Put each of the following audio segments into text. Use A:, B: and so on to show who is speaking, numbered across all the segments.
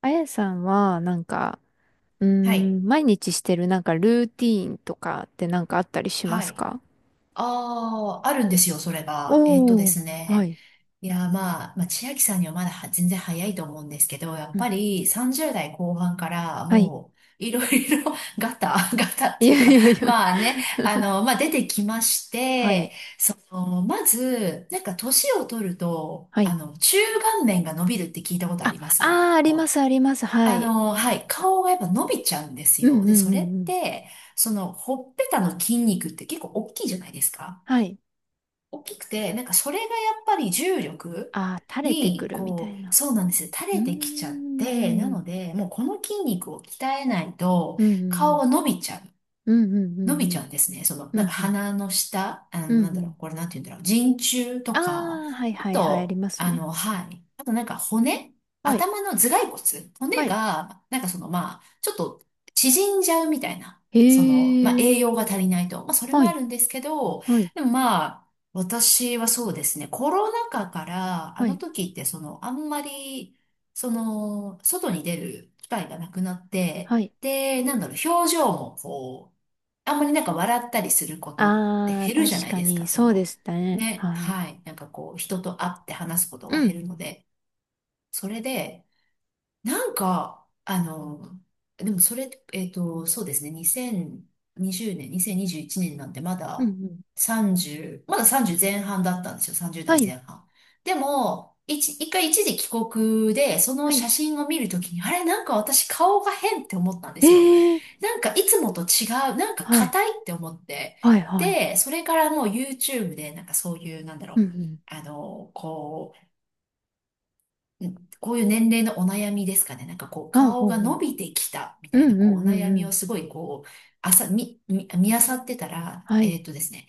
A: あやさんは、なんか、うー
B: はい。
A: 毎日してるなんかルーティーンとかってなんかあったりしま
B: は
A: す
B: い。
A: か？
B: ああ、あるんですよ、それが。えっとで
A: おー、
B: す
A: は
B: ね。
A: い。
B: いや、まあ、千秋さんにはまだは全然早いと思うんですけど、やっ
A: う
B: ぱ
A: ん。
B: り30代後半から
A: はい。
B: もう、いろいろ ガタ、ガタ っ
A: い
B: ていう
A: やい
B: か、
A: やいや。
B: まあね、まあ出てきまし
A: は
B: て、
A: い。
B: まず、なんか年を取ると、
A: はい。
B: 中顔面が伸びるって聞いたことあ
A: あ、
B: ります。なん
A: あー、
B: か
A: ありま
B: こう、
A: す、あります。はい。
B: はい、顔がやっぱ伸びちゃうんです
A: うんう
B: よ。
A: ん
B: で、そ
A: う
B: れっ
A: んうん。
B: て、ほっぺたの筋肉って結構大きいじゃないですか。
A: はい。
B: 大きくて、なんかそれがやっぱり重力
A: あー、垂れてく
B: に、
A: るみた
B: こ
A: い
B: う、
A: な。
B: そうなんですよ。
A: う
B: 垂
A: ー
B: れてきちゃって、な
A: ん。
B: ので、もうこの筋肉を鍛えないと、
A: うんうんう
B: 顔
A: ん。
B: が伸びちゃう。
A: うんうんう
B: の
A: ん
B: び
A: う
B: ち
A: ん。
B: ゃうんですね。
A: う
B: なんか
A: んうん。
B: 鼻の下、
A: うんう
B: なんだろう、
A: ん。
B: これなんて言うんだろう、人中
A: あ
B: とか、
A: ー、はい
B: あ
A: はいはい、あり
B: と、
A: ますね。
B: はい。あとなんか骨、
A: はい。
B: 頭の頭蓋骨、
A: は
B: 骨
A: い。
B: が、なんかその、まあ、ちょっと縮んじゃうみたいな、まあ、
A: へ
B: 栄養
A: ー。
B: が足りないと。まあ、それ
A: は
B: もあ
A: い。
B: るんですけど、
A: はい。
B: でもまあ、私はそうですね、コロナ禍から、あ
A: は
B: の
A: い。
B: 時ってその、あんまり、外に出る機会がなくなって、
A: はい。
B: で、なんだろう、表情もこう、あんまりなんか笑ったりすることって
A: ああ、
B: 減るじゃ
A: 確
B: ない
A: か
B: です
A: に、
B: か、そ
A: そうで
B: の、
A: したね。
B: ね、
A: はい。
B: はい、なんかこう、人と会って話すことが
A: うん、
B: 減るので、それで、なんか、でもそれ、そうですね、2020年、2021年なんてま
A: うん、
B: だ
A: うん。
B: 30、まだ30前半だったんですよ、
A: は
B: 30
A: い。
B: 代前半。でも、一回一時帰国で、その
A: はい。
B: 写真を見るときに、あれ、なんか私顔が変って思ったんで
A: え
B: すよ。
A: え、
B: なんかいつもと違う、なんか
A: はい。
B: 硬いって思って。
A: はい、はい。
B: で、それからもう YouTube でなんかそういう、なんだろ
A: うん、う
B: う、
A: ん。
B: あの、こう、んこういう年齢のお悩みですかね。なんかこう
A: あ、
B: 顔
A: ほう
B: が
A: ほ
B: 伸
A: う。
B: びてきたみ
A: う
B: たいな
A: ん、う
B: こうお
A: ん、うん、
B: 悩
A: う
B: みを
A: ん。
B: すごいこう、あさ、み、み、見漁ってたら、
A: は
B: え
A: い。
B: っとですね、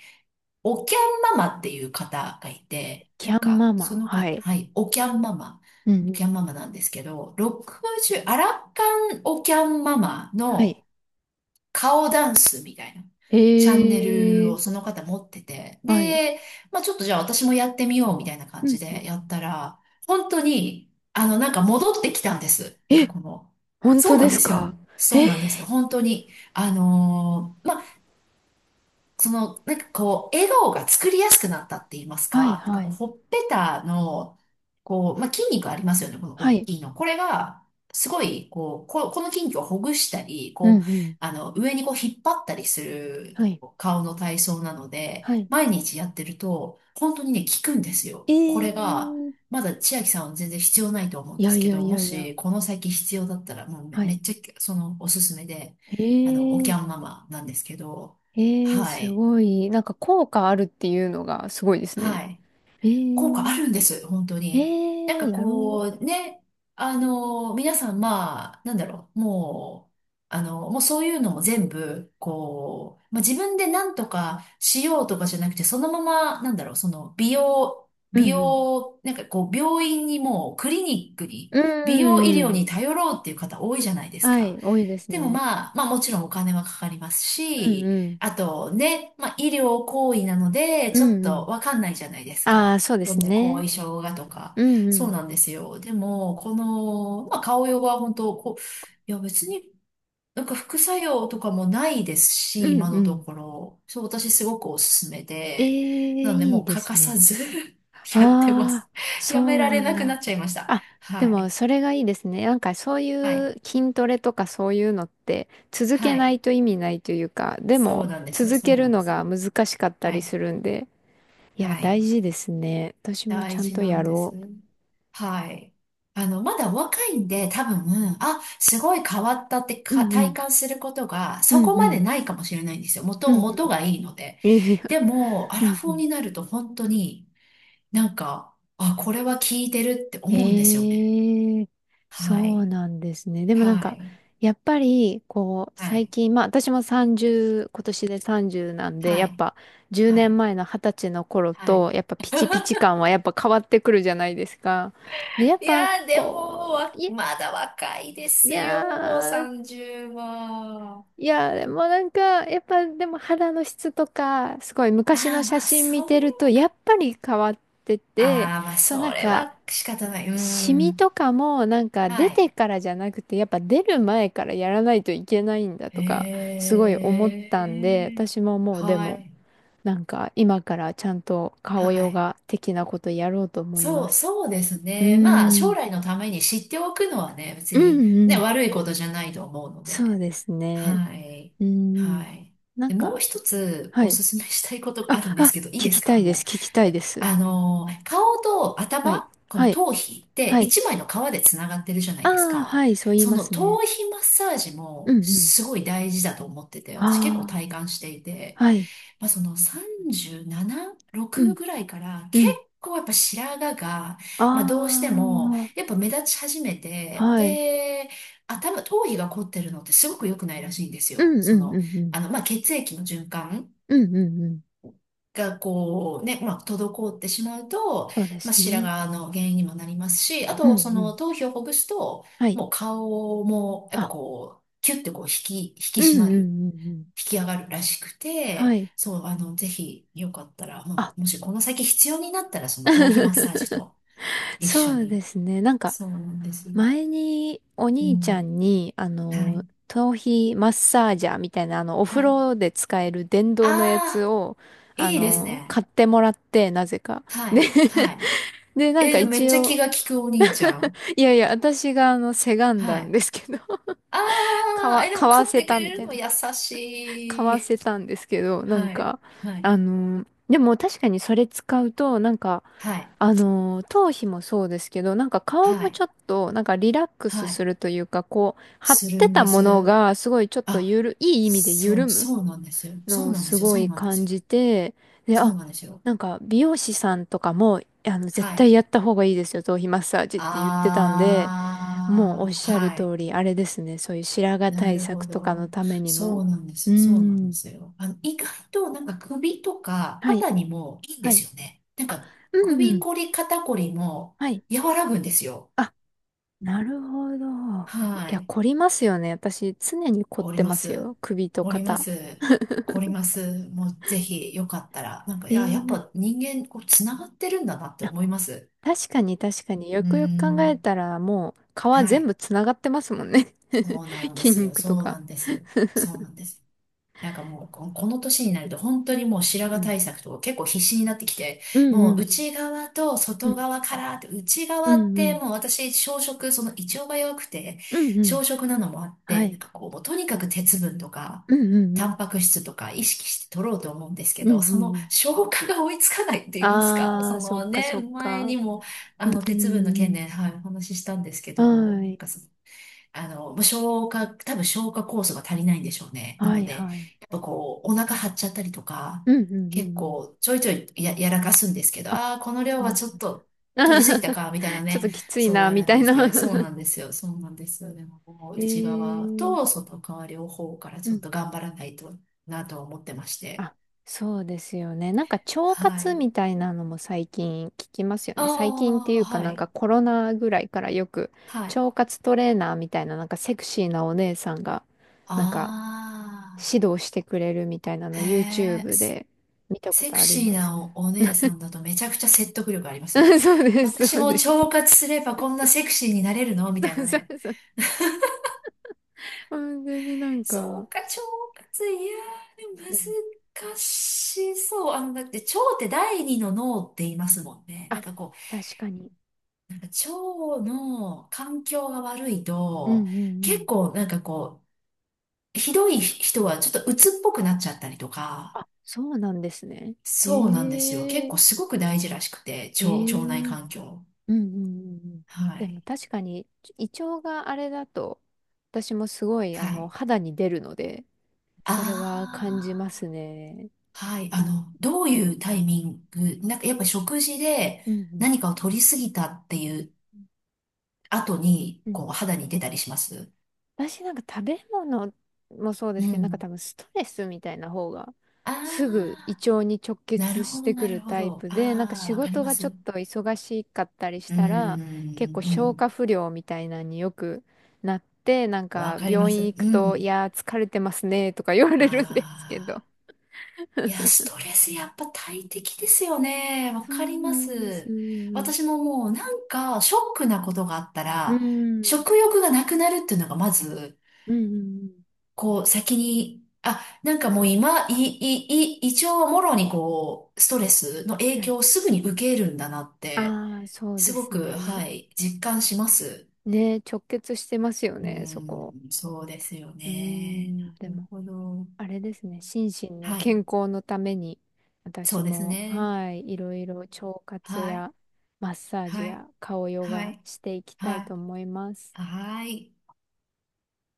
B: おきゃんママっていう方がいて、な
A: キ
B: ん
A: ャン
B: か
A: マ
B: そ
A: マ。
B: の
A: は
B: 方、
A: い。
B: はい、おきゃんママ、
A: うん、
B: お
A: う
B: きゃ
A: ん。
B: んママなんですけど、60、アラ還おきゃんママ
A: は
B: の
A: い。
B: 顔ダンスみたいな
A: え
B: チャンネルをそ
A: え、
B: の方持ってて、
A: はい。
B: で、まあちょっとじゃあ私もやってみようみたいな感
A: うん、
B: じ
A: うん。
B: でやったら、本当に、なんか戻ってきたんです。なん
A: え、
B: かこの、
A: 本
B: そ
A: 当
B: うなん
A: で
B: で
A: す
B: す
A: か？
B: よ。そうなんです。本当に。まあその、なんかこう、笑顔が作りやすくなったって言います
A: はい、
B: か、なんか
A: は
B: こう、
A: い。
B: ほっぺたの、こう、まあ、筋肉ありますよね、この
A: は
B: 大
A: い。
B: きいの。これが、すごい、こう、この筋肉をほぐしたり、
A: うん、
B: こう、
A: うん。
B: 上にこう、引っ張ったりする
A: はい。
B: 顔の体操なので、
A: はい。
B: 毎日やってると、本当にね、効くんですよ。これが、
A: ええ、
B: まだ千秋さんは全然必要ないと思うん
A: い
B: で
A: や
B: す
A: い
B: け
A: や
B: ど、
A: い
B: も
A: やいや。
B: し、この先必要だったら、もうめ、
A: は
B: めっ
A: い。
B: ちゃ、おすすめで、おキ
A: え
B: ャ
A: え。
B: ンママなんですけど、
A: ええ、
B: は
A: す
B: い。
A: ごい。なんか効果あるっていうのがすごいですね。
B: はい。
A: え
B: 効果あ
A: え、
B: るんです、本当に。なん
A: え
B: か
A: ーやろ
B: こう、ね、皆さん、まあ、なんだろう、もう、もうそういうのも全部、こう、まあ、自分で何とかしようとかじゃなくて、そのまま、なんだろう、その、
A: う。う
B: 美
A: んうん。
B: 容、なんかこう、病院にもう、クリニックに、
A: う
B: 美容医
A: ん
B: 療
A: うん。
B: に頼ろうっていう方多いじゃないです
A: は
B: か。
A: い、多いです
B: でも
A: ね。
B: まあ、まあもちろんお金はかかります
A: うん
B: し、
A: うん。
B: あとね、まあ医療行為なので、
A: う
B: ちょっ
A: んう
B: と
A: ん。
B: わかんないじゃないです
A: ああ、
B: か。
A: そうで
B: ど
A: す
B: んな後
A: ね。
B: 遺症がとか。
A: うんう
B: そう
A: ん。
B: なんですよ。でも、この、まあ顔用は本当、こう、いや別になんか副作用とかもないです
A: う
B: し、
A: ん
B: 今の
A: う
B: と
A: ん。
B: ころ。そう、私すごくおすすめ
A: ええ、
B: で。なので
A: い
B: も
A: い
B: う
A: で
B: 欠
A: す
B: かさ
A: ね。
B: ず やってま
A: あ
B: す。
A: あ、そ
B: やめ
A: う
B: られ
A: なん
B: なくなっ
A: だ。
B: ちゃいました。
A: あ、で
B: は
A: も
B: い。
A: それがいいですね。なんかそうい
B: はい。
A: う筋トレとかそういうのって続け
B: は
A: な
B: い。
A: いと意味ないというか、で
B: そう
A: も
B: なんですよ。
A: 続
B: そ
A: け
B: うな
A: る
B: んで
A: の
B: す
A: が
B: よ。
A: 難しかった
B: は
A: りす
B: い。
A: るんで。いや、
B: は
A: 大
B: い。
A: 事ですね。私もち
B: 大
A: ゃん
B: 事
A: と
B: な
A: や
B: んで
A: ろ
B: す。はい。まだ若いんで、多分、あ、すごい変わったって
A: う。う
B: か
A: んう
B: 体
A: ん。
B: 感することが、
A: う
B: そ
A: ん
B: こ
A: う
B: まで
A: ん。
B: ないかもしれないんですよ。
A: うんうんう
B: 元が
A: ん。
B: いいので。
A: いやい
B: で
A: や。
B: も、アラ
A: うん
B: フ
A: う
B: ォー
A: ん。
B: になると本当になんか、あ、これは効いてるって思うんですよね。
A: ええ、
B: は
A: そう
B: い。
A: なんですね。でもなん
B: は
A: か、
B: い。
A: やっぱり、こう、
B: は
A: 最
B: い。
A: 近、まあ私も30、今年で30なんで、
B: は
A: やっ
B: い。
A: ぱ10
B: は
A: 年
B: い。
A: 前の20歳の頃
B: はい。
A: と、やっぱピチピチ感はやっぱ変わってくるじゃないですか。で、やっ
B: い
A: ぱ、
B: やー、でも、
A: こう、いや、
B: まだ若いで
A: い
B: す
A: や
B: よ、
A: ー、
B: 30は。
A: いや、でもなんか、やっぱでも肌の質とか、すごい
B: あ
A: 昔の
B: あ、
A: 写
B: まあ、
A: 真
B: そ
A: 見て
B: れ
A: ると、やっぱり変わってて、
B: ああ、まあ、
A: そうな
B: そ
A: ん
B: れ
A: か、
B: は仕方ない。う
A: シミ
B: ん。
A: とかもなんか
B: は
A: 出て
B: い。
A: からじゃなくて、やっぱ出る前からやらないといけないんだ
B: へ
A: とか、すごい思ったんで、
B: え。
A: 私ももうで
B: は
A: も、
B: い。
A: なんか今からちゃんと
B: は
A: 顔ヨ
B: い。
A: ガ的なことやろうと思いま
B: そう、
A: す。
B: そうです
A: う
B: ね。まあ、
A: ー
B: 将
A: ん。
B: 来のために知っておくのはね、別
A: う
B: に
A: んう
B: ね、
A: ん。
B: 悪いことじゃないと思うので。
A: そうですね。
B: はい。
A: うーん。
B: はい。
A: なん
B: で、もう
A: か、
B: 一つ
A: は
B: お
A: い。
B: すすめしたいことが
A: あ、
B: あるんです
A: あ、
B: けど、いい
A: 聞
B: です
A: きた
B: か
A: いです。
B: も
A: 聞きた
B: う。
A: い
B: え
A: です。
B: あのー、顔と
A: はい。
B: 頭、こ
A: は
B: の
A: い。
B: 頭皮って
A: はい。
B: 一枚の皮でつながってるじゃな
A: あ
B: いです
A: あ、は
B: か。
A: い。そう言い
B: そ
A: ま
B: の
A: すね。
B: 頭皮マッサージ
A: うん
B: も
A: うん。
B: すごい大事だと思ってて、私結構
A: ああ、
B: 体感していて。
A: はい。
B: まあ、その37、
A: う
B: 6
A: ん、
B: ぐらいから
A: う
B: 結
A: ん。
B: 構やっぱ白髪が、
A: あ
B: まあ、どうしてもやっぱ目立ち始め
A: あ、
B: て、
A: はい。
B: で、頭皮が凝ってるのってすごく良くないらしいんです
A: う
B: よ。
A: んう
B: そ
A: んう
B: の、
A: んう
B: まあ、血液の循環
A: ん。うんうんうん。
B: がこうね、まあ、滞ってしまうと、
A: そうで
B: まあ、
A: す
B: 白
A: ね。
B: 髪の原因にもなりますし、あ
A: うんう
B: と、その
A: ん。
B: 頭皮をほぐすと、
A: はい。
B: もう顔も、やっ
A: あ、
B: ぱこう、キュッてこう引き
A: うん
B: 締
A: う
B: ま
A: んう
B: る。
A: んうん。
B: 引き上がるらしく
A: は
B: て、
A: い。
B: そう、ぜひ、よかったら、も
A: あ。
B: うもしこの先必要になったら、その頭皮マッサージ と一
A: そ
B: 緒
A: うで
B: に。
A: すね。なんか、
B: そうなんですよ。
A: 前にお
B: う
A: 兄ちゃ
B: ん。
A: んに、
B: はい。
A: 頭皮マッサージャーみたいな、お
B: は
A: 風
B: い。
A: 呂で使える電
B: あ
A: 動のやつ
B: あ、
A: を、
B: いいですね。
A: 買ってもらって、なぜか。
B: は
A: で、
B: い。はい。
A: で、なん
B: え
A: か
B: ー、でもめっ
A: 一
B: ちゃ気
A: 応、
B: が利くお兄ちゃん。
A: いやいや、私がせがん
B: は
A: だん
B: い。
A: ですけど、
B: あ あ、え、で
A: 買
B: も
A: わ
B: 買っ
A: せ
B: てく
A: た
B: れ
A: み
B: る
A: たい
B: の
A: な、
B: 優
A: 買
B: し
A: わ
B: い。
A: せたんですけど、なん
B: はい。
A: か、
B: はい。
A: でも確かにそれ使うと、なんか、
B: はい。
A: 頭皮もそうですけど、なんか顔
B: は
A: も
B: い。
A: ちょっと、なんかリラックス
B: は
A: す
B: い。
A: るというか、こう、張っ
B: する
A: て
B: ん
A: た
B: で
A: もの
B: す。
A: が、すごいちょっと
B: あ、
A: いい意味で
B: そ
A: 緩
B: う、
A: む
B: そうなんですよ。そ
A: の
B: う
A: を
B: なんで
A: す
B: すよ。
A: ご
B: そう
A: い
B: なんで
A: 感
B: すよ。
A: じて、で、
B: そ
A: あ、
B: うなんですよ。
A: なんか美容師さんとかも、絶
B: は
A: 対
B: い。
A: やった方がいいですよ、頭皮マッサージって言ってたんで、もうおっ
B: ああ、
A: しゃる
B: はい。
A: 通り、あれですね、そういう白髪
B: な
A: 対
B: る
A: 策
B: ほ
A: とか
B: ど。
A: のために
B: そ
A: も。
B: うなんで
A: う
B: すよ。そうな
A: ー
B: んで
A: ん。
B: すよ。意外となんか首とか
A: はい、
B: 肩にもいいんで
A: は
B: す
A: い。
B: よね。なん
A: あ、
B: か
A: うんう
B: 首
A: ん。
B: こり肩こりも
A: はい。
B: 和らぐんですよ。
A: あ、なるほど。い
B: は
A: や、
B: い。
A: 凝りますよね。私、常に凝っ
B: おり
A: て
B: ま
A: ます
B: す。
A: よ。首と
B: おりま
A: 肩。
B: す。おります。もうぜひよかったら。なんか、いや、やっ
A: え
B: ぱ人間こうつながってるんだなって
A: え、あ、
B: 思います。
A: 確かに確かに。
B: う
A: よ
B: ー
A: くよく考え
B: ん。
A: たら、もう、皮
B: は
A: 全
B: い。
A: 部つながってますもんね。
B: そ うなんで
A: 筋
B: すよ。
A: 肉と
B: そうな
A: か。
B: んですよ。そうなんです。なんかもう、ここの年になると本当にもう白
A: う
B: 髪
A: ん。
B: 対策とか結構必死になってきて、
A: うんう
B: もう
A: ん
B: 内側と
A: う
B: 外
A: ん。
B: 側からって、内
A: う
B: 側っ
A: んうんう
B: て
A: ん。
B: もう私、小食、その胃腸が弱くて、
A: うんう
B: 小
A: ん。
B: 食なのもあっ
A: は
B: て、なん
A: い。
B: かこう、もうとにかく鉄分とか、
A: うんうんう
B: タン
A: ん。
B: パク質とか意識して取ろうと思うんですけ
A: うん
B: ど、
A: う
B: その
A: んうん。
B: 消化が追いつかないって言いますか、
A: あ
B: そ
A: ー、そっ
B: の
A: か
B: ね、
A: そっ
B: 前
A: か。
B: にも、
A: う
B: 鉄分の件
A: ん、
B: で、はい、お話ししたんですけど、な
A: は
B: ん
A: い。
B: かそあの、もう多分消化酵素が足りないんでしょうね。な
A: は
B: の
A: い
B: で、
A: はい。
B: やっぱこう、お腹張っちゃったりとか、
A: うんうんうん
B: 結
A: うん。
B: 構ちょいちょいやらかすんですけど、
A: あ、
B: ああ、この量
A: そう
B: は
A: なん
B: ち
A: だ。
B: ょっと取りすぎた か、みたいな
A: ちょっと
B: ね、
A: きつい
B: そう
A: な、
B: あ
A: み
B: るん
A: たい
B: ですけ
A: な。
B: ど、そうな んですよ、そうなんですよ。でも、もう
A: え
B: 内側
A: ー、
B: と外側両方から
A: う
B: ちょっ
A: ん。
B: と頑張らないとなと思ってまして。
A: あ、そうですよね。なんか腸
B: は
A: 活
B: い。
A: みたいなのも最近聞きますよ
B: あ
A: ね。最近ってい
B: あ、
A: うか
B: は
A: なん
B: い。
A: かコロナぐらいからよく
B: はい。
A: 腸活トレーナーみたいななんかセクシーなお姉さんがなんか
B: あ
A: 指導してくれるみたいなの
B: あ、へ
A: YouTube
B: え。
A: で見たこ
B: セ
A: と
B: ク
A: あり
B: シー
A: ます。
B: なお、お姉さんだとめちゃくちゃ説得力ありますよね。
A: そうです、
B: 私
A: そう
B: も
A: です。
B: 腸活すればこんなセクシーになれるのみ
A: そ
B: たいな
A: うそ
B: ね。
A: うそう。本当になん
B: そ
A: か、
B: うか、腸活、いやー、でも
A: でも、
B: 難しそう。だって腸って第二の脳って言いますもんね。なん
A: あ、
B: かこ
A: 確かに。
B: う、なんか腸の環境が悪い
A: うん
B: と、
A: うんう
B: 結
A: ん。
B: 構なんかこう、ひどい人はちょっと鬱っぽくなっちゃったりとか、
A: あ、そうなんですね。
B: そうなんですよ。
A: え
B: 結
A: え。
B: 構すごく大事らしくて、
A: え
B: 腸内
A: え。
B: 環境。
A: うんうんうんうん。
B: は
A: でも
B: い。
A: 確かに、胃腸があれだと、私もすごい、
B: はい。
A: 肌に出るので、それは感じま
B: あ
A: すね。
B: あ、はい。
A: なん、
B: どういうタイミング、なんかやっぱ食事で
A: うんうん。
B: 何かを取りすぎたっていう後に、
A: う
B: こう、
A: ん、
B: 肌に出たりします
A: 私なんか食べ物もそうで
B: う
A: すけど、なんか多
B: ん。
A: 分ストレスみたいな方が
B: あ
A: すぐ胃
B: あ、
A: 腸に直
B: なる
A: 結
B: ほ
A: し
B: ど、
A: てく
B: なる
A: る
B: ほ
A: タイ
B: ど。
A: プで、なんか
B: ああ、
A: 仕
B: わかり
A: 事
B: ま
A: が
B: す。
A: ちょっ
B: う
A: と忙しかったりし
B: ーん、
A: たら、結構
B: う
A: 消
B: ん。
A: 化不良みたいなのによくなって、なん
B: わ
A: か
B: かりま
A: 病院
B: す。
A: 行
B: う
A: くと、い
B: ん。
A: やー疲れてますねとか言われるんですけど。
B: ああ、いや、ストレスやっぱ大敵ですよね。わ
A: そ
B: か
A: う
B: り
A: な
B: ま
A: んです。う
B: す。
A: ん。
B: 私ももうなんか、ショックなことがあった
A: う
B: ら、
A: ん。
B: 食欲がなくなるっていうのがまず、
A: うんうん
B: こう、先に、あ、なんかもう今、い、い、い、胃腸はもろにこう、ストレスの
A: うん。
B: 影
A: はい。
B: 響をすぐに受けるんだなって、
A: ああ、そう
B: す
A: で
B: ご
A: す
B: く、
A: ね。
B: はい、実感します。
A: ね、直結してますよ
B: う
A: ね、そこ。
B: ーん、そうですよ
A: うー
B: ね。
A: ん、で
B: なる
A: も
B: ほど。
A: あれですね、心身の
B: はい、
A: 健康のために、
B: そ
A: 私
B: うです
A: も、
B: ね。
A: はい、いろいろ腸活
B: はい、
A: やマッサージ
B: はい、
A: や顔ヨ
B: は
A: ガ
B: い、
A: していきた
B: は
A: いと
B: い、
A: 思います。
B: はい。